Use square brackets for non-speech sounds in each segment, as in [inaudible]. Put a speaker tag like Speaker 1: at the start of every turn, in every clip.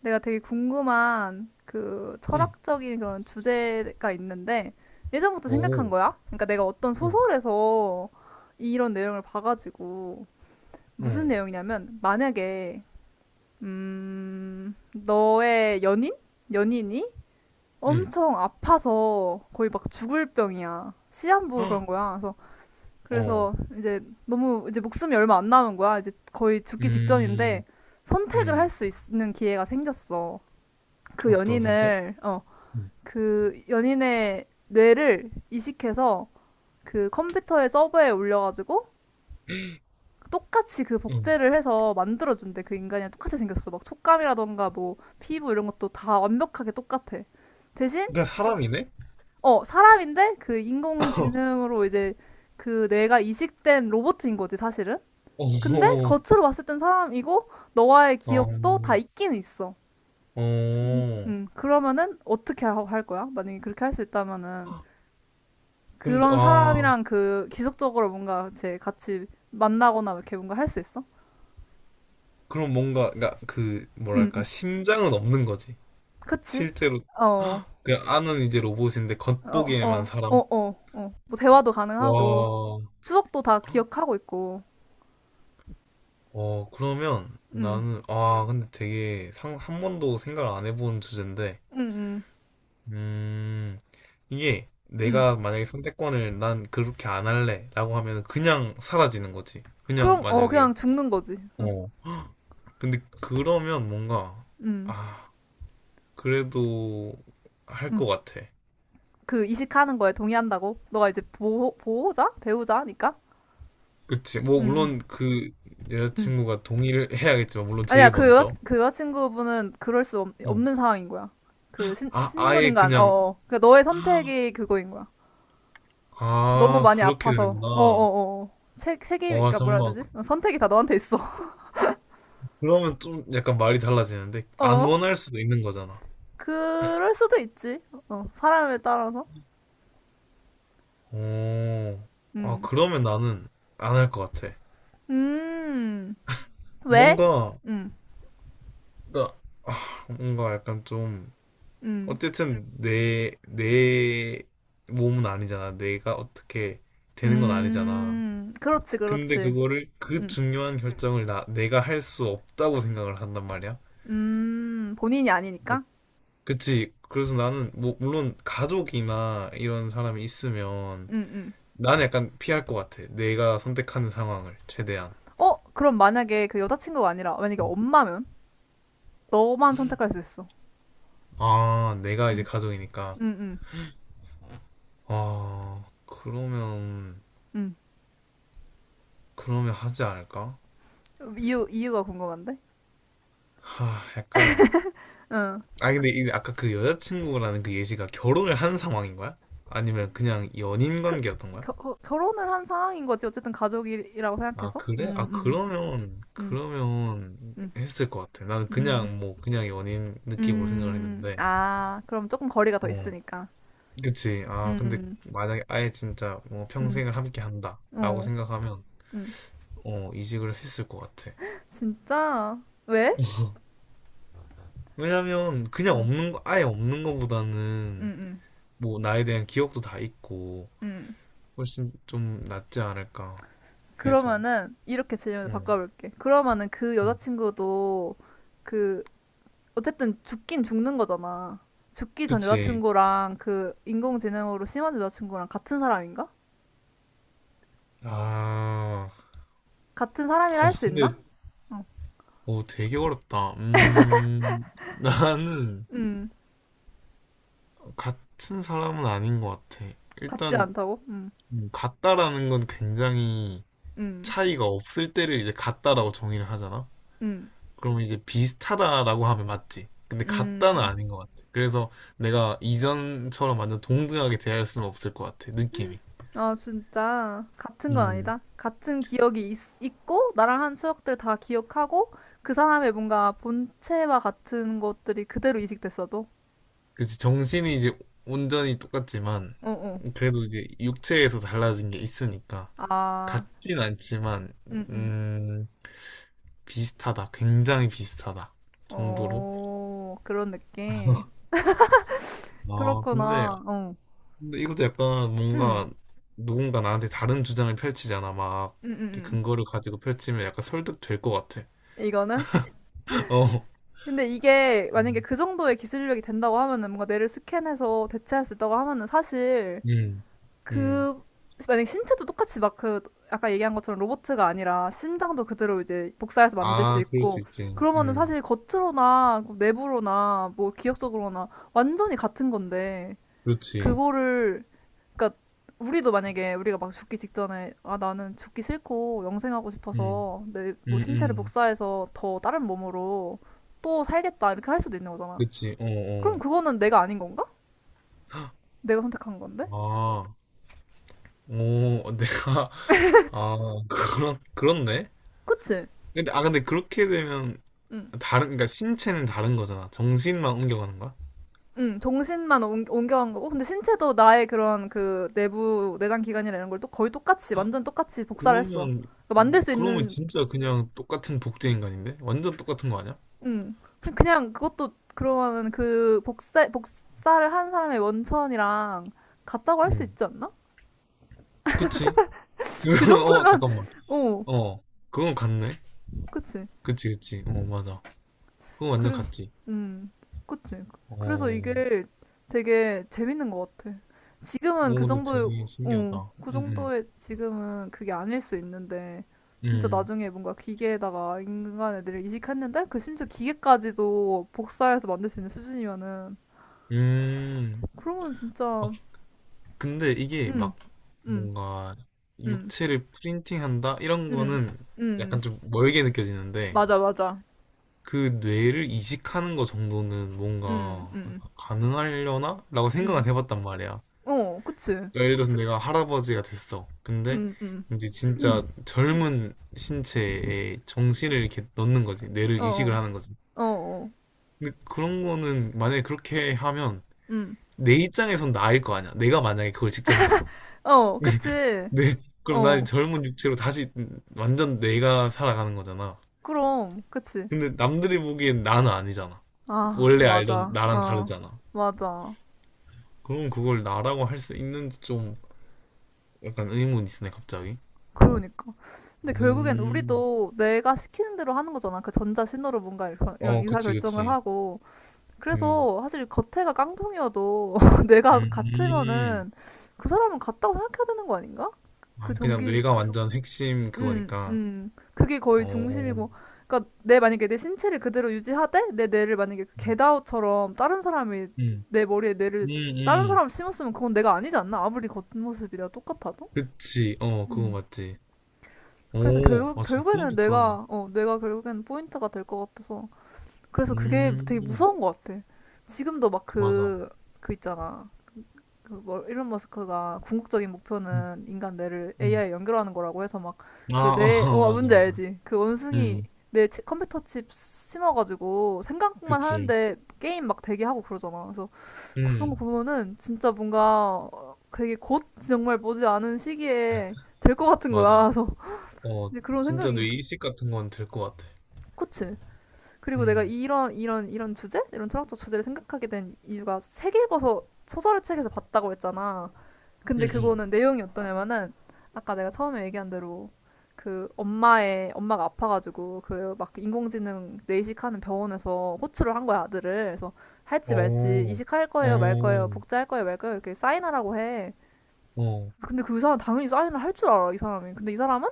Speaker 1: 내가 되게 궁금한 그
Speaker 2: 응.
Speaker 1: 철학적인 그런 주제가 있는데 예전부터 생각한
Speaker 2: 오.
Speaker 1: 거야. 그러니까 내가 어떤
Speaker 2: 응.
Speaker 1: 소설에서 이런 내용을 봐가지고 무슨
Speaker 2: 어.
Speaker 1: 내용이냐면 만약에 너의 연인? 연인이
Speaker 2: 응.
Speaker 1: 엄청 아파서 거의 막 죽을 병이야. 시한부 그런
Speaker 2: 헉!
Speaker 1: 거야. 그래서
Speaker 2: 어.
Speaker 1: 그래서 이제 너무 이제 목숨이 얼마 안 남은 거야. 이제 거의 죽기 직전인데
Speaker 2: 음.
Speaker 1: 선택을 할
Speaker 2: 음.
Speaker 1: 수 있는 기회가 생겼어. 그
Speaker 2: 어떤 선택?
Speaker 1: 연인을
Speaker 2: 응.
Speaker 1: 그 연인의 뇌를 이식해서 그 컴퓨터의 서버에 올려가지고 똑같이 그
Speaker 2: 응.
Speaker 1: 복제를 해서 만들어준대. 그 인간이랑 똑같이 생겼어. 막 촉감이라던가 뭐 피부 이런 것도 다 완벽하게 똑같아. 대신
Speaker 2: 그러니까 사람이네?
Speaker 1: 어 사람인데 그
Speaker 2: [laughs]
Speaker 1: 인공지능으로 이제 그 뇌가 이식된 로봇인 거지 사실은. 근데
Speaker 2: 어.
Speaker 1: 겉으로 봤을 땐 사람이고 너와의 기억도 다
Speaker 2: 어.
Speaker 1: 있기는 있어.
Speaker 2: 어.
Speaker 1: 그러면은 할 거야? 만약에 그렇게 할 수 있다면은
Speaker 2: 근데
Speaker 1: 그런
Speaker 2: 아,
Speaker 1: 사람이랑 그 지속적으로 뭔가 제 같이 만나거나 이렇게 뭔가 할 수 있어?
Speaker 2: 그럼 뭔가 그러니까 그
Speaker 1: 응,
Speaker 2: 뭐랄까
Speaker 1: 응.
Speaker 2: 심장은 없는 거지.
Speaker 1: 그치?
Speaker 2: 실제로
Speaker 1: 어, 어,
Speaker 2: 헉! 그냥 안은 이제 로봇인데
Speaker 1: 어,
Speaker 2: 겉보기에만
Speaker 1: 어, 어,
Speaker 2: 사람.
Speaker 1: 어. 뭐 대화도 가능하고
Speaker 2: 와.
Speaker 1: 추억도 다 기억하고 있고.
Speaker 2: 어, 그러면
Speaker 1: 응,
Speaker 2: 나는 아, 근데 되게 상, 한 번도 생각을 안 해본 주제인데
Speaker 1: 응, 응,
Speaker 2: 음, 이게
Speaker 1: 응.
Speaker 2: 내가 만약에 선택권을 난 그렇게 안 할래라고 하면 그냥 사라지는 거지. 그냥
Speaker 1: 그럼 어
Speaker 2: 만약에
Speaker 1: 그냥 죽는 거지. 응,
Speaker 2: 어. [gasps] 근데 그러면 뭔가
Speaker 1: 응,
Speaker 2: 아, 그래도 할
Speaker 1: 응.
Speaker 2: 것 같아.
Speaker 1: 그 이식하는 거에 동의한다고? 너가 이제 보호자, 배우자니까?
Speaker 2: 그치. 뭐
Speaker 1: 응,
Speaker 2: 물론 그
Speaker 1: 응, 응.
Speaker 2: 여자친구가 동의를 해야겠지만 물론
Speaker 1: 아니야,
Speaker 2: 제일 먼저.
Speaker 1: 그 여자친구분은
Speaker 2: 어.
Speaker 1: 없는 상황인 거야. 그 신,
Speaker 2: 아, 아예
Speaker 1: 식물인간,
Speaker 2: 그냥
Speaker 1: 어어. 그 너의 선택이 그거인 거야. 너무
Speaker 2: 아,
Speaker 1: 많이
Speaker 2: 그렇게
Speaker 1: 아파서,
Speaker 2: 되는구나.
Speaker 1: 어어어. 책임,
Speaker 2: 와,
Speaker 1: 그러니까 뭐라 해야
Speaker 2: 정말
Speaker 1: 되지? 어, 선택이 다 너한테 있어.
Speaker 2: 그러면 좀 약간 말이 달라지는데
Speaker 1: [laughs]
Speaker 2: 안
Speaker 1: 어?
Speaker 2: 원할 수도 있는 거잖아.
Speaker 1: 그럴 수도 있지. 어, 사람에 따라서.
Speaker 2: 오, 아,
Speaker 1: 음.
Speaker 2: 그러면 나는 안 할 것 같아.
Speaker 1: 음. 왜?
Speaker 2: 뭔가,
Speaker 1: 음.
Speaker 2: 그러니까, 아, 뭔가 약간 좀,
Speaker 1: 음.
Speaker 2: 어쨌든 내 몸은 아니잖아. 내가 어떻게 되는 건 아니잖아.
Speaker 1: 음. 그렇지,
Speaker 2: 근데
Speaker 1: 그렇지.
Speaker 2: 그거를, 그
Speaker 1: 음.
Speaker 2: 중요한 결정을 내가 할 수 없다고 생각을 한단 말이야.
Speaker 1: 음. 본인이
Speaker 2: 뭐,
Speaker 1: 아니니까?
Speaker 2: 그치. 그래서 나는, 뭐, 물론 가족이나 이런 사람이 있으면,
Speaker 1: 음, 음.
Speaker 2: 나는 약간 피할 것 같아. 내가 선택하는 상황을, 최대한.
Speaker 1: 어? 그럼 만약에 그 여자친구가 아니라, 만약에
Speaker 2: 음.
Speaker 1: 엄마면? 너만 선택할 수 있어.
Speaker 2: 아, 내가 이제
Speaker 1: 응,
Speaker 2: 가족이니까.
Speaker 1: 응, 응,
Speaker 2: 아, 그러면,
Speaker 1: 응.
Speaker 2: 그러면 하지 않을까?
Speaker 1: 이유가 궁금한데?
Speaker 2: 하, 약간.
Speaker 1: 응.
Speaker 2: 아, 근데 이 아까 그 여자친구라는 그 예시가 결혼을 한 상황인 거야? 아니면 그냥 연인
Speaker 1: 그,
Speaker 2: 관계였던 거야?
Speaker 1: 겨, 어, 결혼을 한 상황인 거지. 어쨌든 가족이라고
Speaker 2: 아,
Speaker 1: 생각해서.
Speaker 2: 그래? 아,
Speaker 1: 음,
Speaker 2: 그러면,
Speaker 1: 음,
Speaker 2: 그러면
Speaker 1: 음, 음,
Speaker 2: 했을 것 같아. 나는
Speaker 1: 음,
Speaker 2: 그냥 뭐, 그냥 연인 느낌으로 생각을 했는데.
Speaker 1: 아, 그럼 조금 거리가 더
Speaker 2: 어,
Speaker 1: 있으니까.
Speaker 2: 그치. 아, 근데
Speaker 1: 음,
Speaker 2: 만약에 아예 진짜 뭐
Speaker 1: 음,
Speaker 2: 평생을 함께 한다. 라고
Speaker 1: 어,
Speaker 2: 생각하면,
Speaker 1: 음.
Speaker 2: 어, 이직을 했을 것 같아.
Speaker 1: 진짜? 왜?
Speaker 2: 왜냐면, 그냥
Speaker 1: 어,
Speaker 2: 없는 거, 아예 없는
Speaker 1: 음,
Speaker 2: 거보다는
Speaker 1: 음,
Speaker 2: 뭐 나에 대한 기억도 다 있고
Speaker 1: 음.
Speaker 2: 훨씬 좀 낫지 않을까 해서
Speaker 1: 그러면은, 이렇게 질문을
Speaker 2: 응.
Speaker 1: 바꿔볼게. 그러면은 그
Speaker 2: 응.
Speaker 1: 여자친구도 그 어쨌든 죽긴 죽는 거잖아. 죽기 전
Speaker 2: 그치
Speaker 1: 여자친구랑 그 인공지능으로 심한 여자친구랑 같은 사람인가?
Speaker 2: 아
Speaker 1: 같은 사람이라
Speaker 2: 어,
Speaker 1: 할 수 있나?
Speaker 2: 근데
Speaker 1: 어.
Speaker 2: 어 되게 어렵다 [laughs] 나는
Speaker 1: 음,
Speaker 2: 같은 사람은 아닌 것 같아
Speaker 1: 같지
Speaker 2: 일단
Speaker 1: 않다고?
Speaker 2: 같다라는 건 굉장히
Speaker 1: 음,
Speaker 2: 차이가 없을 때를 이제 같다라고 정의를 하잖아
Speaker 1: 음,
Speaker 2: 그러면 이제 비슷하다라고 하면 맞지 근데 같다는
Speaker 1: 음.
Speaker 2: 아닌 것 같아 그래서 내가 이전처럼 완전 동등하게 대할 수는 없을 것 같아 느낌이
Speaker 1: 아, 진짜. 같은 건
Speaker 2: 음.
Speaker 1: 아니다. 있고, 나랑 한 추억들 다 기억하고, 그 사람의 뭔가 본체와 같은 것들이 그대로 이식됐어도?
Speaker 2: 그치, 정신이 이제 온전히 똑같지만,
Speaker 1: 어, 어.
Speaker 2: 그래도 이제 육체에서 달라진 게 있으니까.
Speaker 1: 아,
Speaker 2: 같진 않지만,
Speaker 1: 음, 음.
Speaker 2: 음, 비슷하다. 굉장히 비슷하다. 정도로.
Speaker 1: 어, 그런 느낌.
Speaker 2: [laughs] 아, 근데,
Speaker 1: 그렇구나. 어.
Speaker 2: 근데 이것도 약간
Speaker 1: 응.
Speaker 2: 뭔가 누군가 나한테 다른 주장을 펼치잖아. 막,
Speaker 1: 음,
Speaker 2: 이렇게
Speaker 1: 음,
Speaker 2: 근거를 가지고 펼치면 약간 설득될 것 같아.
Speaker 1: 이거는?
Speaker 2: [laughs] 어.
Speaker 1: 근데 이게 만약에
Speaker 2: 음,
Speaker 1: 그 정도의 기술력이 된다고 하면은 뭔가 뇌를 스캔해서 대체할 수 있다고 하면은 사실
Speaker 2: 음. 음.
Speaker 1: 그 만약에 신체도 똑같이 막 그 아까 얘기한 것처럼 로봇가 아니라 심장도 그대로 이제 복사해서 만들 수
Speaker 2: 아, 그럴 수
Speaker 1: 있고,
Speaker 2: 있지.
Speaker 1: 그러면은
Speaker 2: 음.
Speaker 1: 사실 겉으로나 뭐 내부로나 뭐 기억 적으로나 완전히 같은 건데.
Speaker 2: 그렇지.
Speaker 1: 그거를 그러니까 우리도 만약에 우리가 막 죽기 직전에, 아 나는 죽기 싫고 영생하고
Speaker 2: 음.
Speaker 1: 싶어서 내 뭐
Speaker 2: 음,
Speaker 1: 신체를
Speaker 2: 음.
Speaker 1: 복사해서 더 다른 몸으로 또 살겠다 이렇게 할 수도 있는 거잖아.
Speaker 2: 그치. 어, 어.
Speaker 1: 그럼 그거는 내가 아닌 건가? 내가 선택한 건데?
Speaker 2: 아, 오, 내가, [laughs] 아, 그런, 그렇네?
Speaker 1: 그치?
Speaker 2: 근데 그렇게 되면,
Speaker 1: 응.
Speaker 2: 다른, 그러니까 신체는 다른 거잖아. 정신만 옮겨가는 거야?
Speaker 1: 응, 옮겨간 거고, 근데 신체도 나의 그런 그 내부 내장 기관이나 이런 걸 또 거의 똑같이, 완전 똑같이 복사를 했어.
Speaker 2: 그러면,
Speaker 1: 그러니까 만들 수
Speaker 2: 그러면
Speaker 1: 있는.
Speaker 2: 진짜 그냥 똑같은 복제 인간인데? 완전 똑같은 거 아니야?
Speaker 1: 응. 그냥 그것도 그러면은 그 복사를 한 사람의 원천이랑 같다고 할 수
Speaker 2: 응.
Speaker 1: 있지 않나?
Speaker 2: 그치? [laughs]
Speaker 1: 그
Speaker 2: 그건, 어,
Speaker 1: 정도면,
Speaker 2: 잠깐만.
Speaker 1: [laughs] 어,
Speaker 2: 어, 그건 같네?
Speaker 1: 그치.
Speaker 2: 그치, 그치. 어, 맞아. 그건 완전
Speaker 1: 그래,
Speaker 2: 같지.
Speaker 1: 음, 그치. 그래서
Speaker 2: 어,
Speaker 1: 이게 되게 재밌는 것 같아. 지금은
Speaker 2: 오,
Speaker 1: 그
Speaker 2: 근데
Speaker 1: 정도의,
Speaker 2: 되게
Speaker 1: 어,
Speaker 2: 신기하다.
Speaker 1: 그
Speaker 2: 응, 응,
Speaker 1: 정도의 지금은 그게 아닐 수 있는데, 진짜
Speaker 2: 응,
Speaker 1: 나중에 뭔가 기계에다가 인간 애들을 이식했는데, 그 심지어 기계까지도 복사해서 만들 수 있는 수준이면은,
Speaker 2: 음.
Speaker 1: 그러면
Speaker 2: 음.
Speaker 1: 진짜,
Speaker 2: 근데 이게
Speaker 1: 음,
Speaker 2: 막
Speaker 1: 음.
Speaker 2: 뭔가
Speaker 1: 음,
Speaker 2: 육체를 프린팅한다 이런
Speaker 1: 음,
Speaker 2: 거는
Speaker 1: 음,
Speaker 2: 약간 좀 멀게 느껴지는데
Speaker 1: 맞아, 맞아.
Speaker 2: 그 뇌를 이식하는 거 정도는
Speaker 1: 음,
Speaker 2: 뭔가
Speaker 1: 음,
Speaker 2: 가능하려나? 라고
Speaker 1: 음,
Speaker 2: 생각은 해봤단 말이야.
Speaker 1: 어, 그치.
Speaker 2: 그러니까 예를 들어서 내가 할아버지가 됐어. 근데
Speaker 1: 음, 음,
Speaker 2: 이제 진짜 젊은 신체에 정신을 이렇게 넣는 거지. 뇌를
Speaker 1: 어,
Speaker 2: 이식을
Speaker 1: 어,
Speaker 2: 하는 거지.
Speaker 1: 어, 어,
Speaker 2: 근데 그런 거는 만약에 그렇게 하면
Speaker 1: 음,
Speaker 2: 내 입장에선 나일 거 아니야. 내가 만약에 그걸 직접 했어
Speaker 1: 어, 그치.
Speaker 2: 네. [laughs] 그럼 나
Speaker 1: 어,
Speaker 2: 젊은 육체로 다시 완전 내가 살아가는 거잖아.
Speaker 1: 그럼, 그치.
Speaker 2: 근데 남들이 보기엔 나는 아니잖아.
Speaker 1: 아,
Speaker 2: 원래 알던
Speaker 1: 맞아.
Speaker 2: 나랑
Speaker 1: 어,
Speaker 2: 다르잖아.
Speaker 1: 맞아.
Speaker 2: 그럼 그걸 나라고 할 수 있는지 좀 약간 의문이 있으네, 갑자기.
Speaker 1: 그러니까. 근데 결국엔
Speaker 2: 음.
Speaker 1: 우리도 내가 시키는 대로 하는 거잖아. 그 전자 신호로 뭔가 이런, 이런
Speaker 2: 어,
Speaker 1: 의사
Speaker 2: 그치,
Speaker 1: 결정을
Speaker 2: 그치.
Speaker 1: 하고.
Speaker 2: 음.
Speaker 1: 그래서 사실 겉에가 깡통이어도 [laughs] 내가
Speaker 2: 음.
Speaker 1: 같으면은 그 사람은 같다고 생각해야 되는 거 아닌가? 그
Speaker 2: 아, 그냥
Speaker 1: 전기,
Speaker 2: 뇌가 완전 핵심 그거니까.
Speaker 1: 그게 거의
Speaker 2: 어.
Speaker 1: 중심이고. 그러니까 내 만약에 내 신체를 그대로 유지하되 내 뇌를 만약에 겟아웃처럼 다른 사람이
Speaker 2: 음.
Speaker 1: 내 머리에 뇌를
Speaker 2: 음,
Speaker 1: 다른
Speaker 2: 음.
Speaker 1: 사람 심었으면 그건 내가 아니지 않나? 아무리 겉모습이라 똑같아도.
Speaker 2: 그치. 어, 그거
Speaker 1: 음.
Speaker 2: 맞지.
Speaker 1: 그래서
Speaker 2: 오, 맞아. 그건
Speaker 1: 결국에는
Speaker 2: 또 그렇네.
Speaker 1: 뇌가 어 뇌가 결국에는 포인트가 될 것 같아서. 그래서 그게 되게
Speaker 2: 음.
Speaker 1: 무서운 것 같아. 지금도 막
Speaker 2: 맞아.
Speaker 1: 그 있잖아. 그 뭐, 일론 머스크가 궁극적인
Speaker 2: 음.
Speaker 1: 목표는 인간 뇌를
Speaker 2: 음.
Speaker 1: AI에 연결하는 거라고 해서 막
Speaker 2: 아,
Speaker 1: 그
Speaker 2: 어,
Speaker 1: 뇌, 어,
Speaker 2: [laughs] 맞아,
Speaker 1: 뭔지
Speaker 2: 맞아.
Speaker 1: 알지? 그 원숭이
Speaker 2: 응,
Speaker 1: 뇌 컴퓨터 칩 심어가지고 생각만
Speaker 2: 그치.
Speaker 1: 하는데 게임 막 되게 하고 그러잖아. 그래서 그런 거
Speaker 2: 응,
Speaker 1: 보면은 진짜 뭔가 되게 곧 정말 보지 않은 시기에 될 것 같은
Speaker 2: 맞아.
Speaker 1: 거야. 그래서
Speaker 2: 어,
Speaker 1: 이제 그런
Speaker 2: 진짜 뇌
Speaker 1: 생각이.
Speaker 2: 이식 같은 건 될 것 같아.
Speaker 1: 그치? 그리고 내가
Speaker 2: 응,
Speaker 1: 이런 주제? 이런 철학적 주제를 생각하게 된 이유가 책 읽어서 소설의 책에서 봤다고 했잖아.
Speaker 2: 응,
Speaker 1: 근데
Speaker 2: 응.
Speaker 1: 그거는 내용이 어떠냐면은 아까 내가 처음에 얘기한 대로 그 엄마의 엄마가 아파가지고 그 막 인공지능 뇌이식하는 병원에서 호출을 한 거야 아들을. 그래서 할지
Speaker 2: 어,
Speaker 1: 말지
Speaker 2: 오
Speaker 1: 이식할 거예요 말 거예요 복제할 거예요 말 거예요 이렇게 사인하라고 해.
Speaker 2: 어, 어.
Speaker 1: 근데 그 사람 당연히 사인을 할 줄 알아 이 사람이. 근데 이 사람은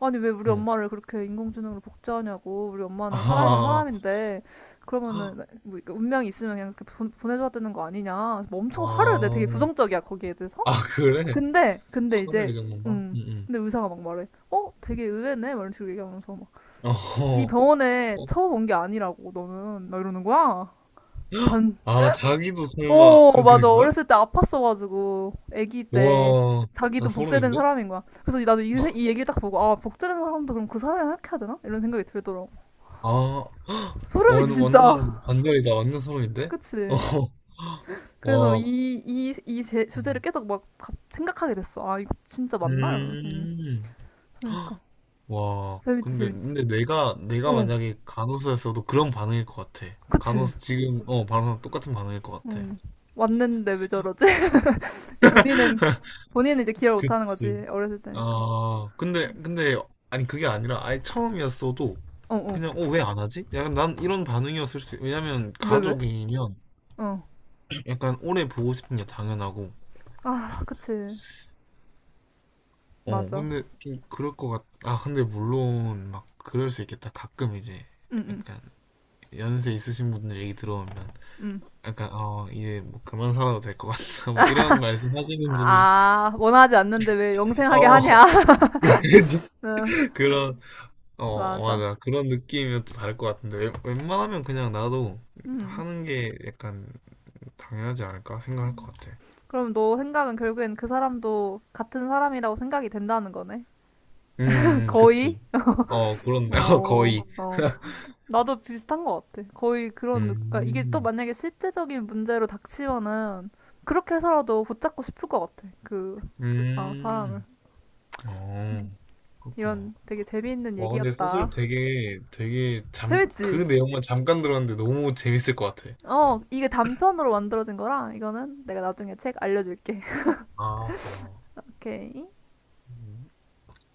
Speaker 1: 아니 왜 우리 엄마를 그렇게 인공지능으로 복제하냐고, 우리 엄마는 살아있는
Speaker 2: 아,
Speaker 1: 사람인데 그러면은 뭐 운명이 있으면 그냥 그렇게 내줘야 되는 거 아니냐. 그래서 뭐
Speaker 2: 아,
Speaker 1: 엄청 화를 내. 되게 부정적이야 거기에 대해서.
Speaker 2: 아, 그래?
Speaker 1: 근데
Speaker 2: 화를
Speaker 1: 이제
Speaker 2: 이 정도인가?
Speaker 1: 음
Speaker 2: 응, 응.
Speaker 1: 근데 의사가 막 말해. 어 되게 의외네 막 이런 식으로 얘기하면서 막 이
Speaker 2: 어,
Speaker 1: 병원에
Speaker 2: 어.
Speaker 1: 처음 온 게 아니라고 너는 막 이러는 거야. 반어
Speaker 2: 아, 자기도 설마 그렇게
Speaker 1: 맞아.
Speaker 2: 된 거야?
Speaker 1: 어렸을 때 아팠어가지고 아기 때
Speaker 2: 우와, 나
Speaker 1: 자기도 복제된
Speaker 2: 소름인데?
Speaker 1: 사람인 거야. 그래서 나도 이 얘기를 딱 보고 아 복제된 사람도 그럼 그 사람이랑 이렇게 해야 되나 이런 생각이 들더라고.
Speaker 2: 아, 완,
Speaker 1: 소름이지 진짜.
Speaker 2: 완전 반전이다. 완전
Speaker 1: [laughs]
Speaker 2: 소름인데? 어,
Speaker 1: 그치. 그래서
Speaker 2: 와.
Speaker 1: 이 주제를 계속 막 생각하게 됐어. 아 이거 진짜 맞나 이러면서
Speaker 2: 음.
Speaker 1: 그러니까
Speaker 2: 와,
Speaker 1: 재밌지
Speaker 2: 근데,
Speaker 1: 재밌지.
Speaker 2: 근데 내가
Speaker 1: 어
Speaker 2: 만약에 간호사였어도 그런 반응일 것 같아.
Speaker 1: 그치
Speaker 2: 간호사, 지금, 어, 간호사 똑같은 반응일 것 같아.
Speaker 1: 음. 왔는데 왜 저러지? [laughs] 본인은, 본인은 이제 기억 못하는 거지.
Speaker 2: 그치.
Speaker 1: 어렸을 때니까.
Speaker 2: 아, 근데, 아니, 그게 아니라 아예 처음이었어도
Speaker 1: 어, 어.
Speaker 2: 그냥, 어, 왜 안 하지? 약간 난 이런 반응이었을 수, 왜냐면
Speaker 1: 왜, 왜?
Speaker 2: 가족이면
Speaker 1: 어.
Speaker 2: 약간 오래 보고 싶은 게 당연하고,
Speaker 1: 아, 그치.
Speaker 2: 어,
Speaker 1: 맞아.
Speaker 2: 근데 좀 그럴 것 같, 아, 근데 물론 막 그럴 수 있겠다. 가끔 이제
Speaker 1: 응, 응,
Speaker 2: 약간 연세 있으신 분들 얘기 들어보면
Speaker 1: 응.
Speaker 2: 약간 어 이제 뭐 그만 살아도 될 것 같다 [laughs] 뭐 이런 말씀 하시는 분이
Speaker 1: 아, 원하지 않는데 왜 영생하게
Speaker 2: 어
Speaker 1: 하냐? [laughs]
Speaker 2: [laughs]
Speaker 1: 응,
Speaker 2: 그런 어 어,
Speaker 1: 맞아.
Speaker 2: 맞아 그런 느낌이면 또 다를 것 같은데 웬만하면 그냥 나도
Speaker 1: 음.
Speaker 2: 하는 게 약간 당연하지 않을까 생각할 것 같아
Speaker 1: 그럼 너 생각은 결국엔 그 사람도 같은 사람이라고 생각이 된다는 거네? [laughs] 거의?
Speaker 2: 그치 어 그렇네 [laughs] 어,
Speaker 1: 어,
Speaker 2: 거의
Speaker 1: 어. 나도 비슷한 것 같아. 거의 그런, 그러니까 이게 또
Speaker 2: 음음어
Speaker 1: 만약에 실제적인 문제로 닥치면은 그렇게 해서라도 붙잡고 싶을 것 같아. 그, 아, 사람을. 음.
Speaker 2: 그렇구나
Speaker 1: 이런 되게 재미있는
Speaker 2: 와 근데 소설
Speaker 1: 얘기였다.
Speaker 2: 되게 되게 잠 그
Speaker 1: 재밌지?
Speaker 2: 내용만 잠깐 들었는데 너무 재밌을 것 같아
Speaker 1: 어, 이게 단편으로 만들어진 거라 이거는 내가 나중에 책 알려줄게. [laughs]
Speaker 2: 아 와.
Speaker 1: 오케이.
Speaker 2: 음.